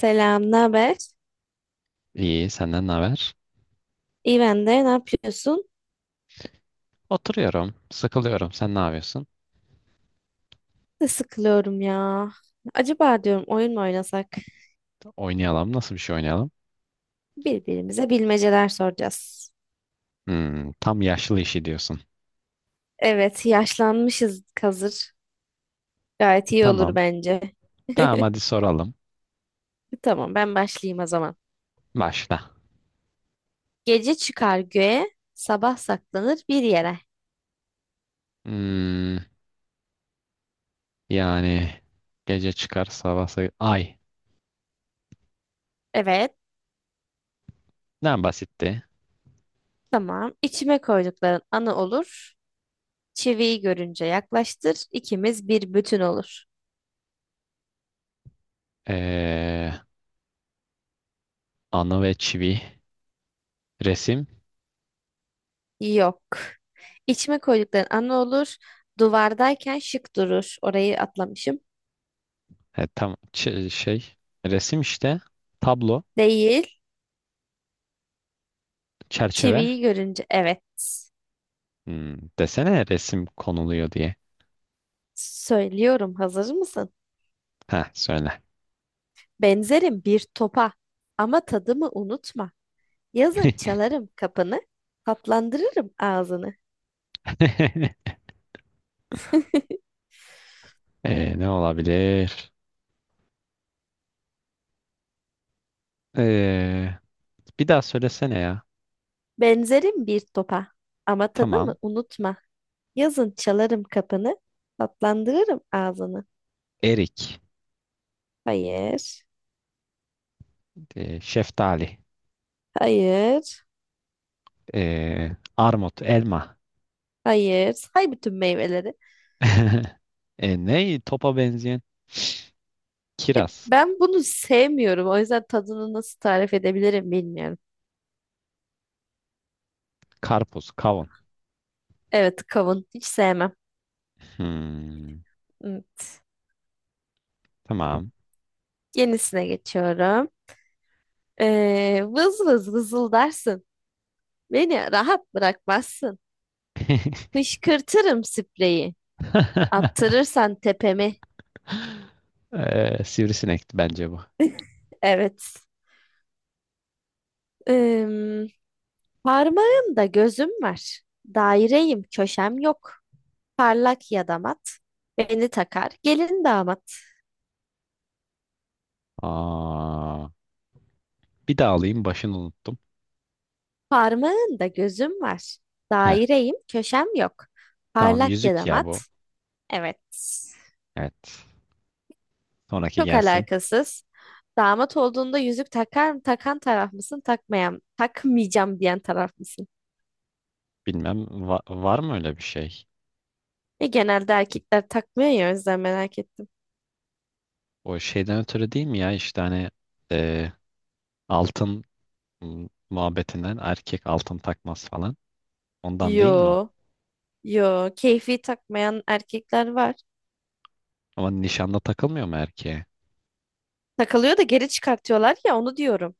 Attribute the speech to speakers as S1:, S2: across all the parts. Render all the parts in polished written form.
S1: Selam, ne haber?
S2: İyi, senden ne haber?
S1: İyi ben de. Ne yapıyorsun?
S2: Oturuyorum, sıkılıyorum. Sen ne yapıyorsun?
S1: Ne sıkılıyorum ya. Acaba diyorum oyun mu oynasak?
S2: Oynayalım. Nasıl bir şey oynayalım?
S1: Birbirimize bilmeceler soracağız.
S2: Hmm, tam yaşlı işi diyorsun.
S1: Evet, yaşlanmışız hazır. Gayet iyi olur
S2: Tamam.
S1: bence.
S2: Tamam hadi soralım.
S1: Tamam, ben başlayayım o zaman.
S2: Başla.
S1: Gece çıkar göğe, sabah saklanır bir yere.
S2: Hmm, yani gece çıkar sabah ay.
S1: Evet,
S2: Ne basitti.
S1: tamam. İçime koydukların anı olur. Çiviyi görünce yaklaştır, ikimiz bir bütün olur.
S2: Ee, anı ve çivi. Resim.
S1: Yok. İçme koydukların ana olur. Duvardayken şık durur. Orayı atlamışım.
S2: E, tam şey. Resim işte. Tablo.
S1: Değil.
S2: Çerçeve.
S1: Çiviyi görünce evet.
S2: Hmm, desene resim konuluyor diye.
S1: Söylüyorum. Hazır mısın?
S2: Ha söyle.
S1: Benzerim bir topa. Ama tadımı unutma. Yazın çalarım kapını. Tatlandırırım ağzını.
S2: Ne olabilir? Ee, bir daha söylesene ya.
S1: Benzerim bir topa. Ama tadımı
S2: Tamam.
S1: unutma. Yazın çalarım kapını. Tatlandırırım ağzını.
S2: Erik,
S1: Hayır.
S2: şeftali,
S1: Hayır.
S2: armut, elma.
S1: Hayır. Say bütün meyveleri.
S2: Ne topa benzeyen?
S1: Ya
S2: Kiraz,
S1: ben bunu sevmiyorum. O yüzden tadını nasıl tarif edebilirim bilmiyorum.
S2: karpuz, kavun.
S1: Evet, kavun. Hiç sevmem.
S2: Hmm,
S1: Evet.
S2: tamam.
S1: Yenisine geçiyorum. Vız vız vızıldarsın. Beni rahat bırakmazsın. Fışkırtırım spreyi. Attırırsan tepemi.
S2: Sivrisinekti bence bu.
S1: Evet. Ee, Parmağında gözüm var. Daireyim, köşem yok. Parlak ya da mat. Beni takar, gelin damat.
S2: Aa, bir daha alayım, başını unuttum.
S1: Parmağında gözüm var.
S2: Heh,
S1: Daireyim, köşem yok.
S2: tamam,
S1: Parlak ya
S2: yüzük
S1: da
S2: ya
S1: mat.
S2: bu.
S1: Evet.
S2: Evet. Sonraki
S1: Çok
S2: gelsin.
S1: alakasız. Damat olduğunda yüzük takar mı, takan taraf mısın, takmayan, takmayacağım diyen taraf mısın?
S2: Bilmem, var mı öyle bir şey?
S1: E genelde erkekler takmıyor ya o yüzden merak ettim.
S2: O şeyden ötürü değil mi ya, işte hani e, altın muhabbetinden, erkek altın takmaz falan. Ondan değil mi o?
S1: Yo, yo. Keyfi takmayan erkekler var.
S2: Ama nişanda takılmıyor mu erkeğe?
S1: Takılıyor da geri çıkartıyorlar ya onu diyorum.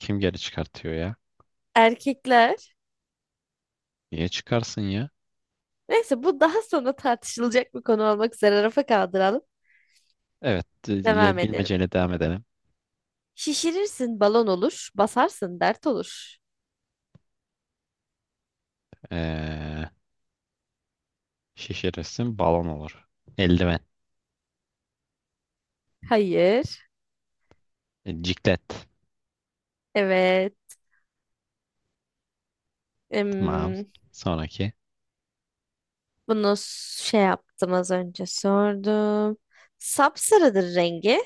S2: Kim geri çıkartıyor ya?
S1: Erkekler.
S2: Niye çıkarsın ya?
S1: Neyse bu daha sonra tartışılacak bir konu olmak üzere rafa kaldıralım.
S2: Evet,
S1: Devam edelim.
S2: bilmeceyle devam edelim.
S1: Şişirirsin balon olur, basarsın dert olur.
S2: E, şişirirsin balon olur. Eldiven.
S1: Hayır.
S2: E, ciklet.
S1: Evet.
S2: Tamam.
S1: Em,
S2: Sonraki.
S1: bunu şey yaptım az önce sordum. Sapsarıdır rengi.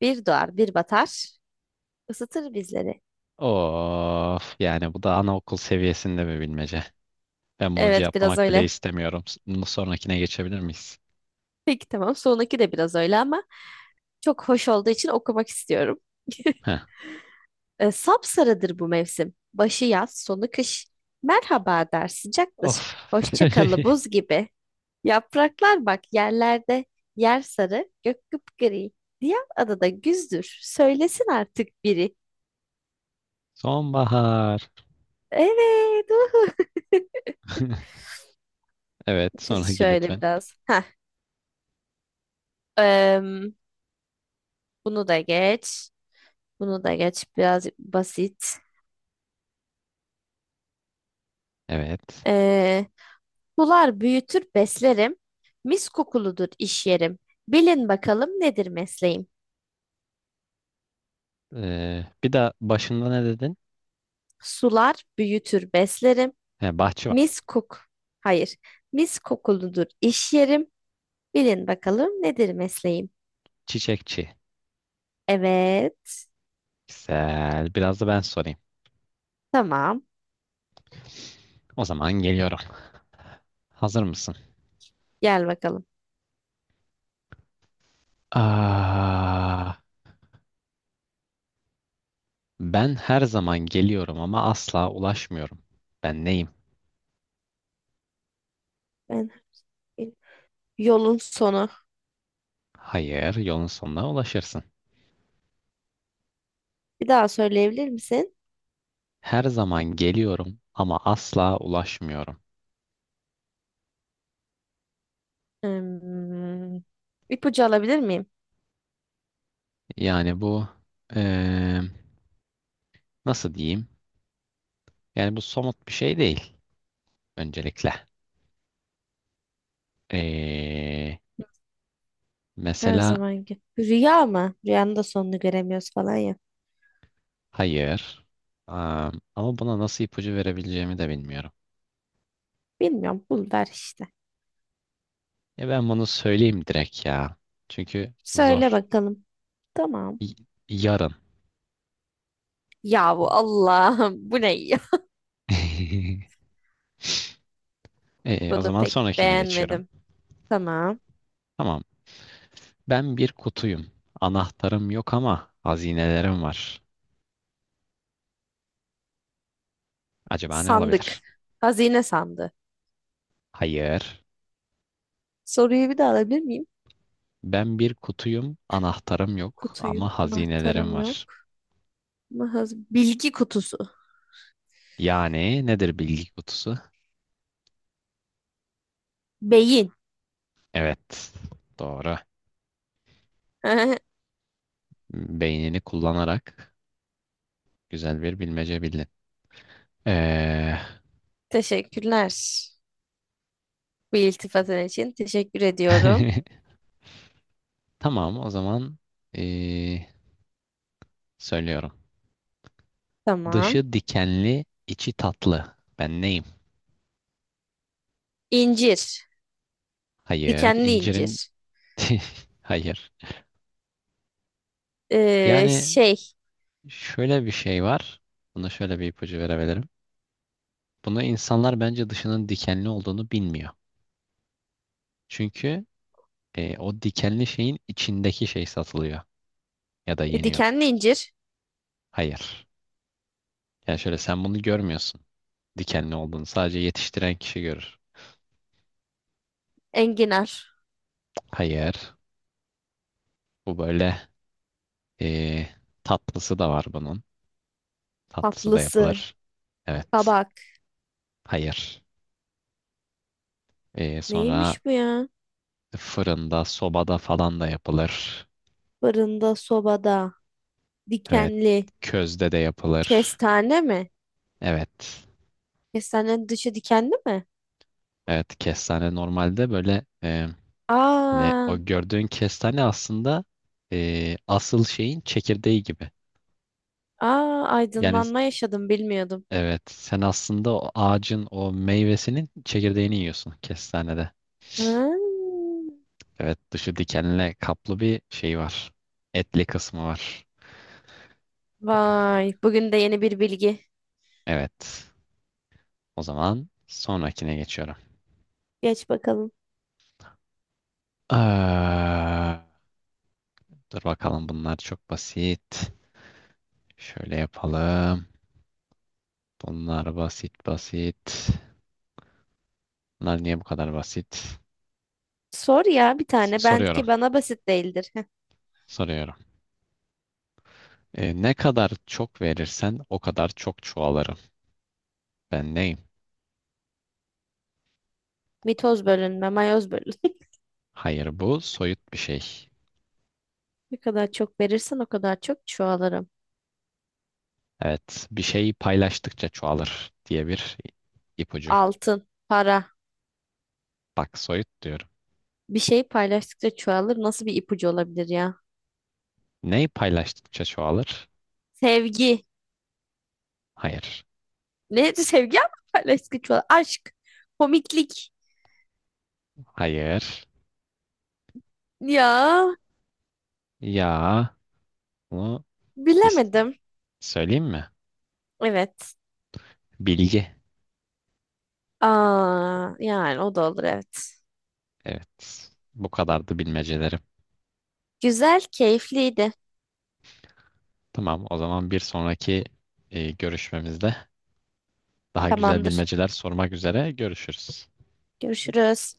S1: Bir doğar, bir batar. Isıtır bizleri.
S2: Of, yani bu da anaokul seviyesinde bir bilmece. Ben bunu
S1: Evet, biraz
S2: cevaplamak bile
S1: öyle.
S2: istemiyorum. Sonrakine geçebilir miyiz?
S1: Peki tamam. Sonraki de biraz öyle ama çok hoş olduğu için okumak istiyorum.
S2: Heh.
S1: Sapsarıdır bu mevsim. Başı yaz, sonu kış. Merhaba der, sıcaktır.
S2: Of.
S1: Hoşça kalı buz gibi. Yapraklar bak yerlerde yer sarı, gök kıpgri. Diğer adada güzdür. Söylesin artık biri.
S2: Sonbahar.
S1: Evet. Uhu.
S2: Evet, sonraki
S1: Şöyle
S2: lütfen.
S1: biraz. Heh. em, bunu da geç. Bunu da geç. Biraz basit.
S2: Evet.
S1: Ee, sular büyütür beslerim. Mis kokuludur iş yerim. Bilin bakalım nedir mesleğim?
S2: Bir de başında ne dedin?
S1: Sular büyütür beslerim.
S2: He, bahçıvan.
S1: Mis kok. Hayır. Mis kokuludur iş yerim. Bilin bakalım nedir mesleğim?
S2: Çiçekçi.
S1: Evet.
S2: Güzel. Biraz da ben sorayım.
S1: Tamam.
S2: O zaman geliyorum. Hazır mısın?
S1: Gel bakalım.
S2: Aa, ben her zaman geliyorum ama asla ulaşmıyorum. Ben neyim?
S1: Ben yolun sonu.
S2: Hayır, yolun sonuna ulaşırsın.
S1: Bir daha söyleyebilir misin?
S2: Her zaman geliyorum ama asla ulaşmıyorum.
S1: Hmm, ipucu alabilir miyim?
S2: Yani bu eee, nasıl diyeyim? Yani bu somut bir şey değil öncelikle. Ee,
S1: Her
S2: mesela
S1: zamanki. Rüya mı? Rüyanın da sonunu göremiyoruz falan ya.
S2: hayır. Ama buna nasıl ipucu verebileceğimi de bilmiyorum.
S1: Bilmiyorum. Bul ver işte.
S2: E ben bunu söyleyeyim direkt ya. Çünkü
S1: Söyle
S2: zor.
S1: bakalım. Tamam.
S2: Y- Yarın.
S1: Yahu Allah'ım bu ne ya?
S2: O
S1: Bunu
S2: zaman
S1: pek
S2: sonrakine geçiyorum.
S1: beğenmedim. Tamam.
S2: Tamam. Ben bir kutuyum. Anahtarım yok ama hazinelerim var. Acaba ne
S1: Sandık.
S2: olabilir?
S1: Hazine sandığı.
S2: Hayır.
S1: Soruyu bir daha alabilir miyim?
S2: Ben bir kutuyum. Anahtarım yok
S1: Kutuyu,
S2: ama hazinelerim
S1: anahtarım
S2: var.
S1: yok. Ama bilgi kutusu.
S2: Yani nedir bilgi kutusu?
S1: Beyin.
S2: Evet. Doğru. Beynini kullanarak güzel bir bilmece bildin. Ee,
S1: Teşekkürler. Bu iltifatın için teşekkür ediyorum.
S2: tamam, o zaman ee, söylüyorum.
S1: Tamam.
S2: Dışı dikenli, içi tatlı. Ben neyim?
S1: İncir.
S2: Hayır,
S1: Dikenli
S2: incirin
S1: incir.
S2: hayır.
S1: Ee,
S2: Yani
S1: şey.
S2: şöyle bir şey var. Buna şöyle bir ipucu verebilirim. Bunu insanlar, bence, dışının dikenli olduğunu bilmiyor. Çünkü o dikenli şeyin içindeki şey satılıyor ya da yeniyor.
S1: Dikenli incir.
S2: Hayır. Yani şöyle, sen bunu görmüyorsun. Dikenli olduğunu sadece yetiştiren kişi görür.
S1: Enginar.
S2: Hayır. Bu böyle eee, tatlısı da var bunun. Tatlısı da
S1: Tatlısı.
S2: yapılır. Evet.
S1: Kabak.
S2: Hayır. Sonra
S1: Neymiş bu ya?
S2: fırında, sobada falan da yapılır.
S1: Fırında, sobada.
S2: Evet.
S1: Dikenli.
S2: Közde de yapılır.
S1: Kestane mi?
S2: Evet.
S1: Kestanenin dışı dikenli mi?
S2: Evet. Kestane normalde böyle hani
S1: Aa,
S2: o gördüğün kestane aslında asıl şeyin çekirdeği gibi.
S1: aa
S2: Yani
S1: aydınlanma yaşadım bilmiyordum.
S2: evet, sen aslında o ağacın o meyvesinin çekirdeğini yiyorsun kestanede.
S1: Ha,
S2: Evet, dışı dikenle kaplı bir şey var. Etli kısmı var.
S1: vay. Bugün de yeni bir bilgi.
S2: Evet. O zaman sonrakine geçiyorum.
S1: Geç bakalım.
S2: Eee, dur bakalım, bunlar çok basit. Şöyle yapalım. Bunlar basit basit. Bunlar niye bu kadar basit?
S1: Sor ya bir tane. Ben
S2: Soruyorum.
S1: ki bana basit değildir. Heh.
S2: Soruyorum. E, ne kadar çok verirsen o kadar çok çoğalırım. Ben neyim?
S1: Mitoz bölünme, mayoz bölünme.
S2: Hayır, bu soyut bir şey.
S1: Ne kadar çok verirsen o kadar çok çoğalırım.
S2: Evet, bir şeyi paylaştıkça çoğalır diye bir ipucu.
S1: Altın, para.
S2: Bak, soyut diyorum.
S1: Bir şey paylaştıkça çoğalır. Nasıl bir ipucu olabilir ya?
S2: Ne paylaştıkça çoğalır?
S1: Sevgi.
S2: Hayır.
S1: Ne? Sevgi ama paylaştıkça çoğalır. Aşk. Komiklik.
S2: Hayır.
S1: Ya
S2: Ya bunu is-
S1: bilemedim.
S2: söyleyeyim mi?
S1: Evet.
S2: Bilgi.
S1: Aa, yani o da olur evet.
S2: Evet. Bu kadardı bilmecelerim.
S1: Güzel, keyifliydi.
S2: Tamam, o zaman bir sonraki görüşmemizde daha güzel
S1: Tamamdır.
S2: bilmeceler sormak üzere görüşürüz.
S1: Görüşürüz.